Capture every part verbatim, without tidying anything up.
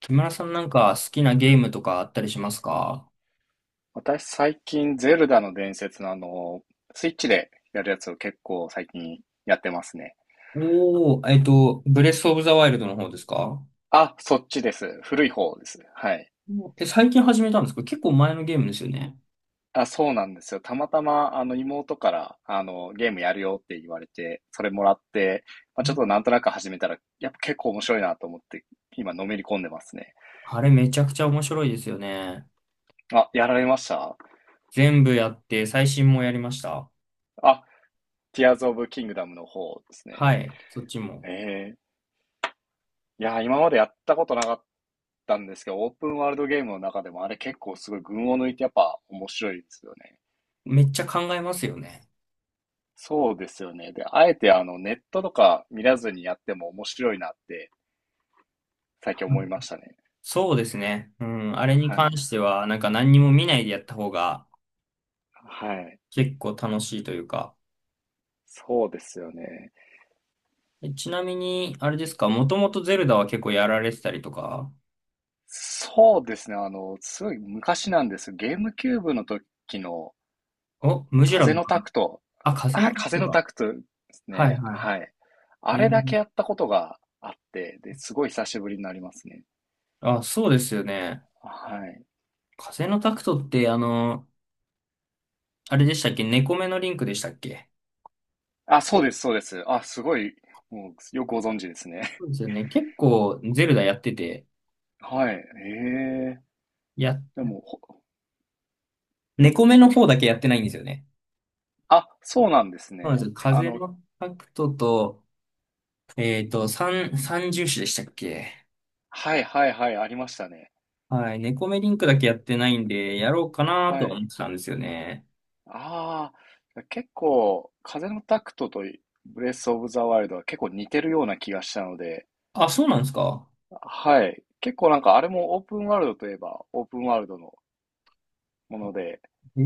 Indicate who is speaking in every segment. Speaker 1: 木村さん、なんか好きなゲームとかあったりしますか？
Speaker 2: 私最近ゼルダの伝説のあの、スイッチでやるやつを結構最近やってますね。
Speaker 1: おー、えっと、ブレスオブザワイルドの方ですか？
Speaker 2: あ、そっちです。古い方です。はい。
Speaker 1: うん。え、最近始めたんですか？結構前のゲームですよね。
Speaker 2: あ、そうなんですよ。たまたまあの妹からあのゲームやるよって言われて、それもらって、まあ、
Speaker 1: う
Speaker 2: ちょっ
Speaker 1: ん。
Speaker 2: となんとなく始めたら、やっぱ結構面白いなと思って、今のめり込んでますね。
Speaker 1: あれめちゃくちゃ面白いですよね。
Speaker 2: あ、やられました。
Speaker 1: 全部やって、最新もやりました。
Speaker 2: あ、ティアーズ・オブ・キングダムの方ですね。
Speaker 1: はい、そっちも。
Speaker 2: ええ。いやー、今までやったことなかったんですけど、オープンワールドゲームの中でもあれ結構すごい群を抜いてやっぱ面白いですよね。
Speaker 1: めっちゃ考えますよね。
Speaker 2: そうですよね。で、あえてあのネットとか見らずにやっても面白いなって最近
Speaker 1: う
Speaker 2: 思
Speaker 1: ん。
Speaker 2: いましたね。
Speaker 1: そうですね。うん、あれに
Speaker 2: は
Speaker 1: 関
Speaker 2: い。
Speaker 1: しては、なんか何にも見ないでやった方が
Speaker 2: はい。
Speaker 1: 結構楽しいというか。
Speaker 2: そうですよね。
Speaker 1: え、ちなみに、あれですか？もともとゼルダは結構やられてたりとか？
Speaker 2: そうですね。あの、すごい昔なんです。ゲームキューブの時の
Speaker 1: お、ムジュラ
Speaker 2: 風
Speaker 1: の。
Speaker 2: のタクト。
Speaker 1: あ、風の
Speaker 2: はい、
Speaker 1: タク
Speaker 2: 風
Speaker 1: ト
Speaker 2: のタ
Speaker 1: か。
Speaker 2: クトです
Speaker 1: はい
Speaker 2: ね。
Speaker 1: はい。
Speaker 2: はい。
Speaker 1: え
Speaker 2: あれだ
Speaker 1: ー。
Speaker 2: けやったことがあって、で、すごい久しぶりになりますね。
Speaker 1: あ、そうですよね。
Speaker 2: はい。
Speaker 1: 風のタクトって、あの、あれでしたっけ？猫目のリンクでしたっけ？
Speaker 2: あ、そうです、そうです。あ、すごい、もう、よくご存知ですね。
Speaker 1: そうですよね。結構、ゼルダやってて、
Speaker 2: はい。ええ。
Speaker 1: や、
Speaker 2: でも、ほ
Speaker 1: 猫目の方だけやってないんですよね。
Speaker 2: あ、そうなんです
Speaker 1: そうなん
Speaker 2: ね。
Speaker 1: ですよ。
Speaker 2: あ
Speaker 1: 風
Speaker 2: の、
Speaker 1: のタクトと、えっと、三、三重視でしたっけ？
Speaker 2: はいはいはい、ありましたね。
Speaker 1: はい。猫目リンクだけやってないんで、やろうかな
Speaker 2: は
Speaker 1: と思っ
Speaker 2: い。
Speaker 1: てたんですよね。
Speaker 2: ああ、結構、風のタクトとブレス・オブ・ザ・ワイルドは結構似てるような気がしたので、
Speaker 1: あ、そうなんですか。
Speaker 2: はい。結構なんかあれもオープンワールドといえばオープンワールドのもので、
Speaker 1: え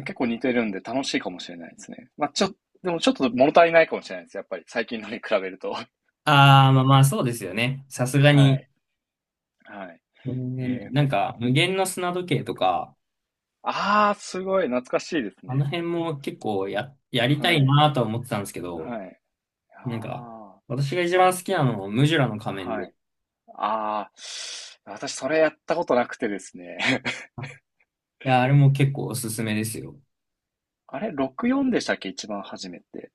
Speaker 1: え。
Speaker 2: 構似てるんで楽しいかもしれないですね。まあ、ちょ、でもちょっと物足りないかもしれないです。やっぱり最近のに比べると。
Speaker 1: ああ、まあまあ、そうですよね。さすが
Speaker 2: は
Speaker 1: に、
Speaker 2: い、はい。
Speaker 1: ね、
Speaker 2: えー
Speaker 1: なんか、無限の砂時計とか、
Speaker 2: ああ、すごい懐かしいです
Speaker 1: あの
Speaker 2: ね。
Speaker 1: 辺も結構や、やりた
Speaker 2: は
Speaker 1: い
Speaker 2: い、
Speaker 1: なとは思ってたんですけど、
Speaker 2: はい。
Speaker 1: なんか、
Speaker 2: あ
Speaker 1: 私が一番好きなのはムジュラの
Speaker 2: あ、
Speaker 1: 仮面
Speaker 2: は
Speaker 1: で。
Speaker 2: い。ああ、私それやったことなくてですね。
Speaker 1: あ、いや、あれも結構おすすめですよ。
Speaker 2: あれ、ろくじゅうよんでしたっけ、一番初めて。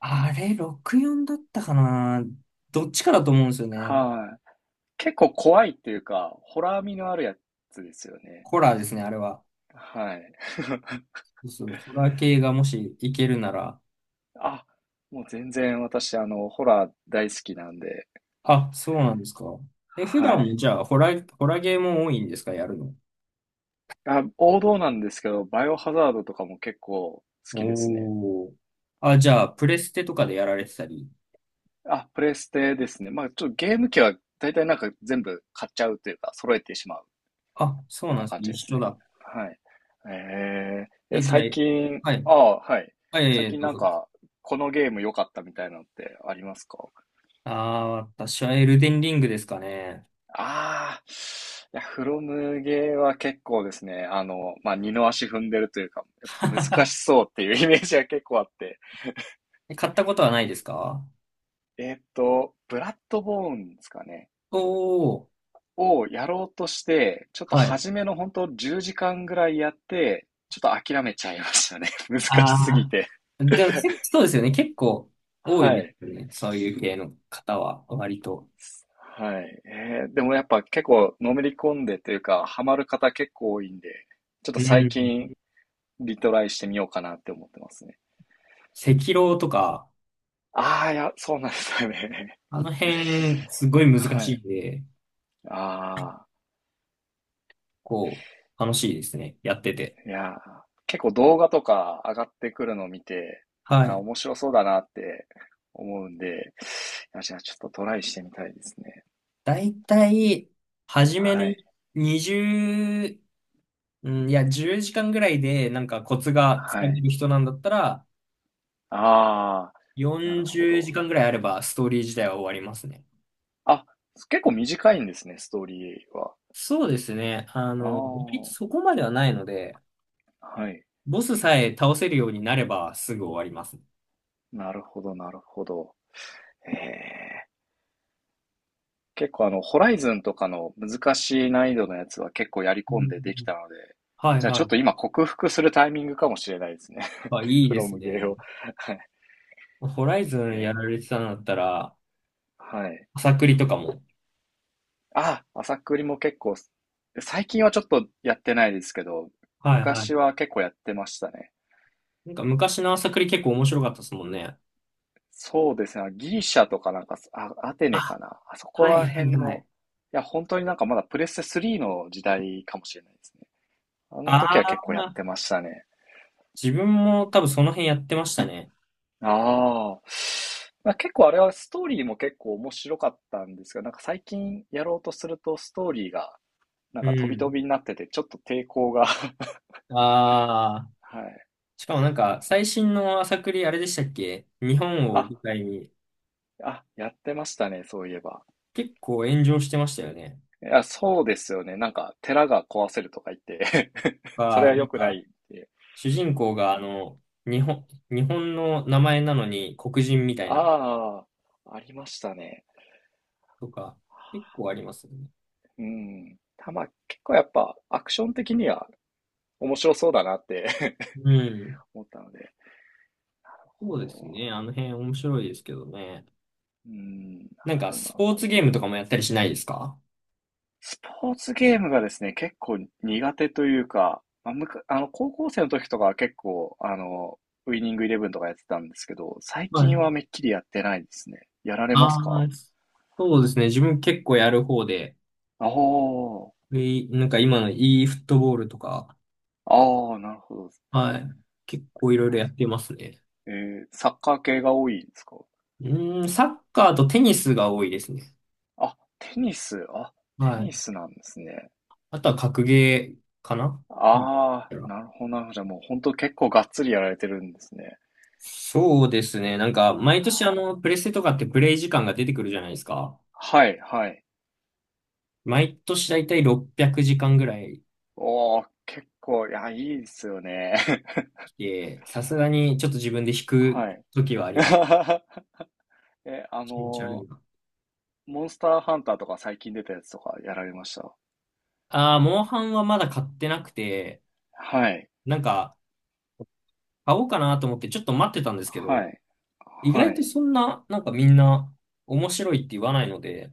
Speaker 1: あれ、ろくじゅうよんだったかな。どっちかだと思うんですよね。
Speaker 2: はい。結構怖いっていうか、ホラー味のあるやつですよね。
Speaker 1: ホラーですね、あれは。
Speaker 2: はい。
Speaker 1: そうそう、ホラー系がもしいけるなら。
Speaker 2: あ、もう全然私、あの、ホラー大好きなんで、
Speaker 1: あ、そうなんですか。え、普
Speaker 2: は
Speaker 1: 段も
Speaker 2: い。
Speaker 1: じゃあ、ホラー、ホラーゲーも多いんですか、やるの？
Speaker 2: あ、王道なんですけど、バイオハザードとかも結構好きですね。
Speaker 1: おー。あ、じゃあ、プレステとかでやられてたり。
Speaker 2: あ、プレステですね。まあ、ちょっとゲーム機は大体なんか全部買っちゃうというか、揃えてしまう
Speaker 1: あ、そう
Speaker 2: よう
Speaker 1: なん
Speaker 2: な
Speaker 1: です
Speaker 2: 感
Speaker 1: ね。
Speaker 2: じで
Speaker 1: 一
Speaker 2: す
Speaker 1: 緒
Speaker 2: ね。
Speaker 1: だ。
Speaker 2: はい。えー、え、
Speaker 1: え、じゃあ、
Speaker 2: 最近、
Speaker 1: はい。
Speaker 2: ああ、はい。
Speaker 1: はい、
Speaker 2: 最
Speaker 1: えー
Speaker 2: 近
Speaker 1: どう
Speaker 2: なん
Speaker 1: ぞ。
Speaker 2: か、このゲーム良かったみたいなのってありますか？
Speaker 1: ああ、私はエルデンリングですかね。
Speaker 2: ああ、いや、フロムゲーは結構ですね、あの、まあ、二の足踏んでるというか、難 しそうっていうイメージが結構あって。
Speaker 1: え、買ったことはないですか？
Speaker 2: えーっと、ブラッドボーンですかね。
Speaker 1: おー、
Speaker 2: をやろうとして、ちょっと
Speaker 1: はい。
Speaker 2: 初めの本当じゅうじかんぐらいやって、ちょっと諦めちゃいましたね。難しす
Speaker 1: あ
Speaker 2: ぎ
Speaker 1: あ、
Speaker 2: て。
Speaker 1: でも、せそうですよね。結構多い
Speaker 2: は
Speaker 1: で
Speaker 2: い。
Speaker 1: すよね。そういう系の方は、割と。
Speaker 2: はい。えーでもやっぱ結構のめり込んでというか、ハマる方結構多いんで、ちょっと
Speaker 1: う
Speaker 2: 最
Speaker 1: ん。
Speaker 2: 近リトライしてみようかなって思ってますね。
Speaker 1: 赤狼とか、
Speaker 2: ああ、いや、そうなんですよね。
Speaker 1: あの辺、すごい 難
Speaker 2: は
Speaker 1: しい
Speaker 2: い。
Speaker 1: んで、
Speaker 2: ああ、
Speaker 1: こう、楽しいですね。やってて。
Speaker 2: いやー、結構動画とか上がってくるのを見て、
Speaker 1: は
Speaker 2: あー、
Speaker 1: い。
Speaker 2: 面白そうだなって思うんで、いや、じゃあちょっとトライしてみたいですね。
Speaker 1: だいたい、初めの、
Speaker 2: はい、
Speaker 1: 20うん、いや、じゅうじかんぐらいで、なんかコツがつか
Speaker 2: は
Speaker 1: め
Speaker 2: い。
Speaker 1: る人なんだったら、
Speaker 2: ああ、なる
Speaker 1: 40
Speaker 2: ほ
Speaker 1: 時
Speaker 2: ど。
Speaker 1: 間ぐらいあれば、ストーリー自体は終わりますね。
Speaker 2: あ、結構短いんですね、ストーリーは。
Speaker 1: そうですね。あ
Speaker 2: あ
Speaker 1: の、割と
Speaker 2: あ、
Speaker 1: そこまではないので、
Speaker 2: はい。
Speaker 1: ボスさえ倒せるようになれば、すぐ終わりますね。
Speaker 2: なるほど、なるほど。ええ。結構あの、ホライズンとかの難しい難易度のやつは結構やり
Speaker 1: う
Speaker 2: 込んでできた
Speaker 1: ん。
Speaker 2: ので、
Speaker 1: はい
Speaker 2: じゃあち
Speaker 1: は
Speaker 2: ょっと
Speaker 1: い。
Speaker 2: 今克服するタイミングかもしれないですね。
Speaker 1: あ、いい
Speaker 2: フ
Speaker 1: で
Speaker 2: ロ
Speaker 1: す
Speaker 2: ムゲー
Speaker 1: ね。
Speaker 2: を。はい。
Speaker 1: ホライズ
Speaker 2: え
Speaker 1: ンやら
Speaker 2: え、
Speaker 1: れてたんだったら、
Speaker 2: はい。
Speaker 1: 朝栗とかも。
Speaker 2: あ、朝栗も結構、最近はちょっとやってないですけど、
Speaker 1: はいはい。
Speaker 2: 昔は結構やってましたね。
Speaker 1: なんか昔の朝栗結構面白かったですもんね。
Speaker 2: そうですね。ギリシャとかなんか、あ、アテネか
Speaker 1: あ、
Speaker 2: な。あそこ
Speaker 1: はい
Speaker 2: ら
Speaker 1: はい
Speaker 2: 辺
Speaker 1: は
Speaker 2: の、
Speaker 1: い。
Speaker 2: いや、本当になんかまだプレステスリーの時代かもしれないですね。あの
Speaker 1: あ
Speaker 2: 時は結構やっ
Speaker 1: あ、
Speaker 2: てましたね。
Speaker 1: 自分も多分その辺やってましたね。
Speaker 2: ああ。まあ、結構あれはストーリーも結構面白かったんですが、なんか最近やろうとするとストーリーがなん
Speaker 1: う
Speaker 2: か飛び飛
Speaker 1: ん。
Speaker 2: びになってて、ちょっと抵抗が
Speaker 1: ああ、
Speaker 2: はい。
Speaker 1: しかもなんか、最新の朝栗あれでしたっけ？日本を
Speaker 2: あ、
Speaker 1: 舞台に、
Speaker 2: あ、やってましたね、そういえば。
Speaker 1: 結構炎上してましたよね。
Speaker 2: いや、そうですよね。なんか寺が壊せるとか言って それ
Speaker 1: が、
Speaker 2: は
Speaker 1: なん
Speaker 2: 良くな
Speaker 1: か、
Speaker 2: いって。
Speaker 1: 主人公が、あの、日本、日本の名前なのに黒人みたいな、
Speaker 2: ああ、ありましたね。
Speaker 1: とか、結構ありますよね。
Speaker 2: うん。たま、結構やっぱアクション的には面白そうだなって
Speaker 1: うん。
Speaker 2: 思ったので。なる
Speaker 1: そ
Speaker 2: ほ
Speaker 1: うですね。
Speaker 2: ど。
Speaker 1: あの辺面白いですけどね。
Speaker 2: うん、なる
Speaker 1: なんか、
Speaker 2: ほど、な
Speaker 1: ス
Speaker 2: る
Speaker 1: ポー
Speaker 2: ほ
Speaker 1: ツゲー
Speaker 2: ど。
Speaker 1: ムとかもやったりしないですか？
Speaker 2: スポーツゲームがですね、結構苦手というか、まあ、むか、あの、高校生の時とかは結構、あの、ウイニングイレブンとかやってたんですけど、最
Speaker 1: は
Speaker 2: 近は
Speaker 1: い。
Speaker 2: めっきりやってないですね。やられま
Speaker 1: あ
Speaker 2: すか？
Speaker 1: あ、そうですね。自分結構やる方で、
Speaker 2: ああ、
Speaker 1: えーなんか今の e フットボールとか、
Speaker 2: ああ、なるほど。
Speaker 1: はい。結構いろいろやっ
Speaker 2: あ、
Speaker 1: てますね。
Speaker 2: えーサッカー系が多いんですか？
Speaker 1: うーん、サッカーとテニスが多いですね。
Speaker 2: あ、テニス。あ、テ
Speaker 1: は
Speaker 2: ニ
Speaker 1: い。
Speaker 2: スなんですね。
Speaker 1: あとは格ゲーかな。うん。
Speaker 2: ああ、なるほど、なるほど。じゃあもう本当結構がっつりやられてるんですね。
Speaker 1: そうですね。なんか、毎年あの、プレステとかってプレイ時間が出てくるじゃないですか。
Speaker 2: はいはい。
Speaker 1: 毎年だいたいろっぴゃくじかんぐらい
Speaker 2: おー、結構、いや、いいですよね。
Speaker 1: 来て、さすがにちょっと自分で引 く
Speaker 2: はい。
Speaker 1: 時はあります。
Speaker 2: え、あ
Speaker 1: 気持ち悪い
Speaker 2: の
Speaker 1: な。
Speaker 2: ー、モンスターハンターとか最近出たやつとかやられました？
Speaker 1: ああ、モンハンはまだ買ってなくて、
Speaker 2: はい。
Speaker 1: なんか、買おうかなと思ってちょっと待ってたんですけど、
Speaker 2: はい。
Speaker 1: 意
Speaker 2: は
Speaker 1: 外と
Speaker 2: い。
Speaker 1: そんな、なんかみんな面白いって言わないので、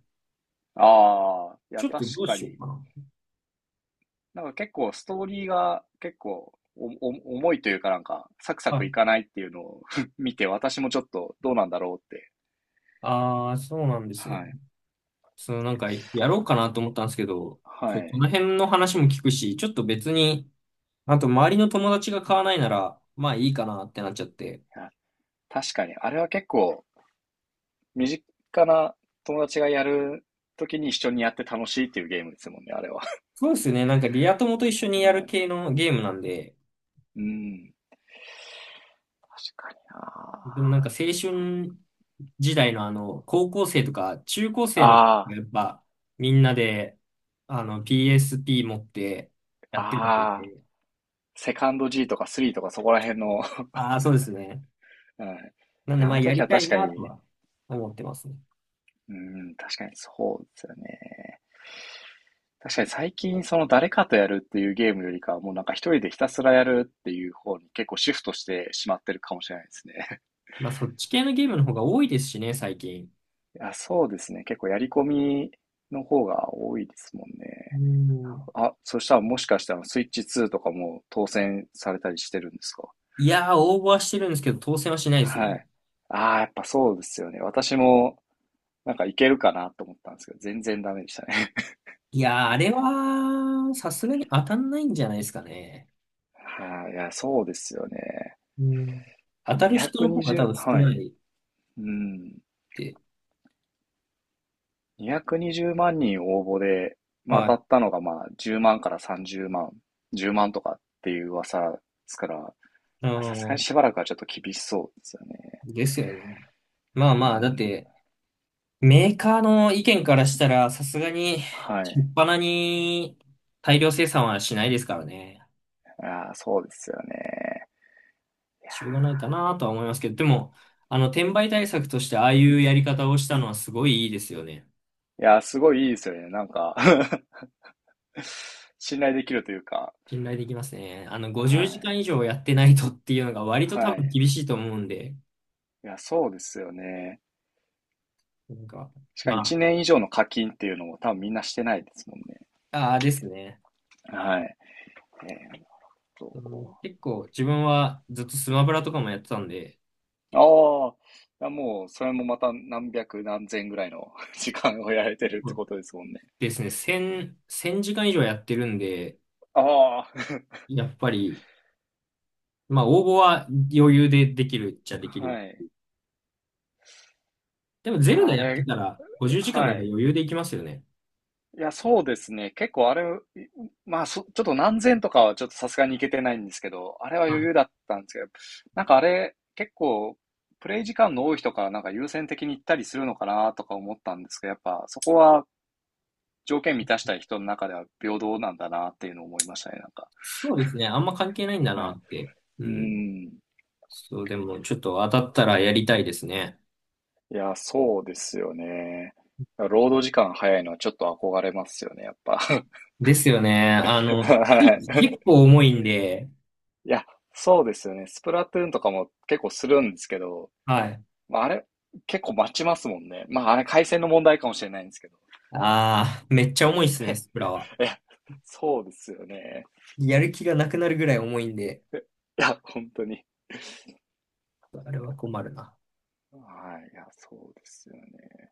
Speaker 2: ああ、い
Speaker 1: ち
Speaker 2: や、
Speaker 1: ょっと
Speaker 2: 確
Speaker 1: どう
Speaker 2: か
Speaker 1: しよう
Speaker 2: に。
Speaker 1: かな。
Speaker 2: なんか結構ストーリーが結構おお重いというかなんかサクサ
Speaker 1: は
Speaker 2: ク
Speaker 1: い。
Speaker 2: いかないっていうのを 見て私もちょっとどうなんだろうって。
Speaker 1: ああ、そうなんですね。
Speaker 2: はい。
Speaker 1: その、なんか、やろうかなと思ったんですけど、ちょ
Speaker 2: は
Speaker 1: っと
Speaker 2: い。
Speaker 1: こ
Speaker 2: い
Speaker 1: の辺の話も聞くし、ちょっと別に、あと周りの友達が買わないなら、まあいいかなってなっちゃって。
Speaker 2: や、確かにあれは結構身近な友達がやるときに一緒にやって楽しいっていうゲームですもんね、あれは。
Speaker 1: そうですよね。なんかリア友と一緒に
Speaker 2: う
Speaker 1: やる
Speaker 2: ん。
Speaker 1: 系のゲームなんで、
Speaker 2: うん。確かに
Speaker 1: でも
Speaker 2: な。
Speaker 1: なんか青春時代の、あの、高校生とか中高生の、
Speaker 2: あ
Speaker 1: やっぱみんなで、あの、ピーエスピー 持ってや
Speaker 2: あ、
Speaker 1: ってたの
Speaker 2: ああ、
Speaker 1: で、
Speaker 2: セカンド G とかスリーとかそこら辺の。
Speaker 1: ああ、そうですね。
Speaker 2: うん。い
Speaker 1: なんで、
Speaker 2: や、
Speaker 1: ま
Speaker 2: あ
Speaker 1: あ、
Speaker 2: の
Speaker 1: や
Speaker 2: 時
Speaker 1: り
Speaker 2: は
Speaker 1: たい
Speaker 2: 確か
Speaker 1: なと
Speaker 2: に、
Speaker 1: は思ってますね。
Speaker 2: うん、確かにそうですよね。確かに最近その誰かとやるっていうゲームよりかは、もうなんか一人でひたすらやるっていう方に結構シフトしてしまってるかもしれないですね。
Speaker 1: まあ、そっち系のゲームの方が多いですしね、最近。
Speaker 2: いや、そうですね。結構やり込みの方が多いですもん
Speaker 1: う
Speaker 2: ね。
Speaker 1: ん。
Speaker 2: あ、そしたらもしかしたらスイッチツーとかも当選されたりしてるんですか？
Speaker 1: いやー、応募はしてるんですけど、当選はしないですね。
Speaker 2: はい。ああ、やっぱそうですよね。私もなんかいけるかなと思ったんですけど、全然ダメでしたね。
Speaker 1: いやー、あれは、さすがに当たんないんじゃないですかね。
Speaker 2: はい、いや、そうですよね。
Speaker 1: うん。当たる人の方が多
Speaker 2: にひゃくにじゅう、
Speaker 1: 分少
Speaker 2: は
Speaker 1: な
Speaker 2: い。
Speaker 1: いっ
Speaker 2: うん。
Speaker 1: て。
Speaker 2: にひゃくにじゅうまん人応募で、まあ、
Speaker 1: は
Speaker 2: 当
Speaker 1: い。
Speaker 2: たったのがまあじゅうまんからさんじゅうまん、じゅうまんとかっていう噂ですから、
Speaker 1: う
Speaker 2: さすがに
Speaker 1: ん。
Speaker 2: しばらくはちょっと厳しそうですよね。
Speaker 1: ですよね。ま
Speaker 2: う
Speaker 1: あまあ、だっ
Speaker 2: ん。
Speaker 1: て、メーカーの意見からしたら、さすがに、
Speaker 2: は
Speaker 1: しょ
Speaker 2: い。
Speaker 1: っぱなに大量生産はしないですからね。
Speaker 2: ああ、そうですよね。
Speaker 1: しょうがないかなとは思いますけど、でも、あの、転売対策としてああいうやり方をしたのはすごいいいですよね。
Speaker 2: いやー、すごいいいですよね。なんか 信頼できるというか。
Speaker 1: 信頼できますね。あの、
Speaker 2: は
Speaker 1: ごじゅうじかん
Speaker 2: い。
Speaker 1: 以上やってないとっていうのが割と多
Speaker 2: は
Speaker 1: 分
Speaker 2: い。
Speaker 1: 厳しいと思うんで、
Speaker 2: いや、そうですよね。
Speaker 1: なんか、
Speaker 2: しかも
Speaker 1: ま
Speaker 2: いちねん以上の課金っていうのも多分みんなしてないですもんね。
Speaker 1: あ、ああですね。
Speaker 2: はい。えーっと、
Speaker 1: うん。結構自分はずっとスマブラとかもやってたんで、
Speaker 2: ああ、いやもう、それもまた何百何千ぐらいの 時間をやられてるってことですもんね。
Speaker 1: ですね、いち ぜろ せんじかん以上やってるんで、
Speaker 2: ああ、
Speaker 1: やっぱり、まあ、応募は余裕でできるっちゃできる。
Speaker 2: はい。
Speaker 1: でも、
Speaker 2: い
Speaker 1: ゼル
Speaker 2: や、
Speaker 1: ダ
Speaker 2: あ
Speaker 1: やって
Speaker 2: れ、
Speaker 1: たら、ごじゅうじかん
Speaker 2: は
Speaker 1: なんか
Speaker 2: い。
Speaker 1: 余裕でいきますよね。
Speaker 2: いや、そうですね。結構あれ、まあ、そ、ちょっと何千とかはちょっとさすがにいけてないんですけど、あれは
Speaker 1: は
Speaker 2: 余
Speaker 1: い。
Speaker 2: 裕だったんですけど、なんかあれ、結構、プレイ時間の多い人からなんか優先的に行ったりするのかなとか思ったんですけど、やっぱそこは条件満たしたい人の中では平等なんだなっていうのを思いましたね、なんか。
Speaker 1: そうですね。あんま関係ないんだ
Speaker 2: は
Speaker 1: な
Speaker 2: い。
Speaker 1: って。う
Speaker 2: う
Speaker 1: ん。
Speaker 2: ん。
Speaker 1: そう、でも、ちょっと当たったらやりたいですね。
Speaker 2: いや、そうですよね。労働時間早いのはちょっと憧れますよね、やっぱ。
Speaker 1: ですよね。あ の、つい
Speaker 2: はい。
Speaker 1: 結構重いんで、
Speaker 2: いや、そうですよね。スプラトゥーンとかも結構するんですけど、
Speaker 1: はい。
Speaker 2: まあ、あれ、結構待ちますもんね。まあ、あれ、回線の問題かもしれないんですけど。
Speaker 1: ああ、めっちゃ重いっすね、スプラは。
Speaker 2: いや、そうですよね。
Speaker 1: やる気がなくなるぐらい重いんで、
Speaker 2: いや、本当に。
Speaker 1: あれは困るな。
Speaker 2: はい。いや、そうですよね。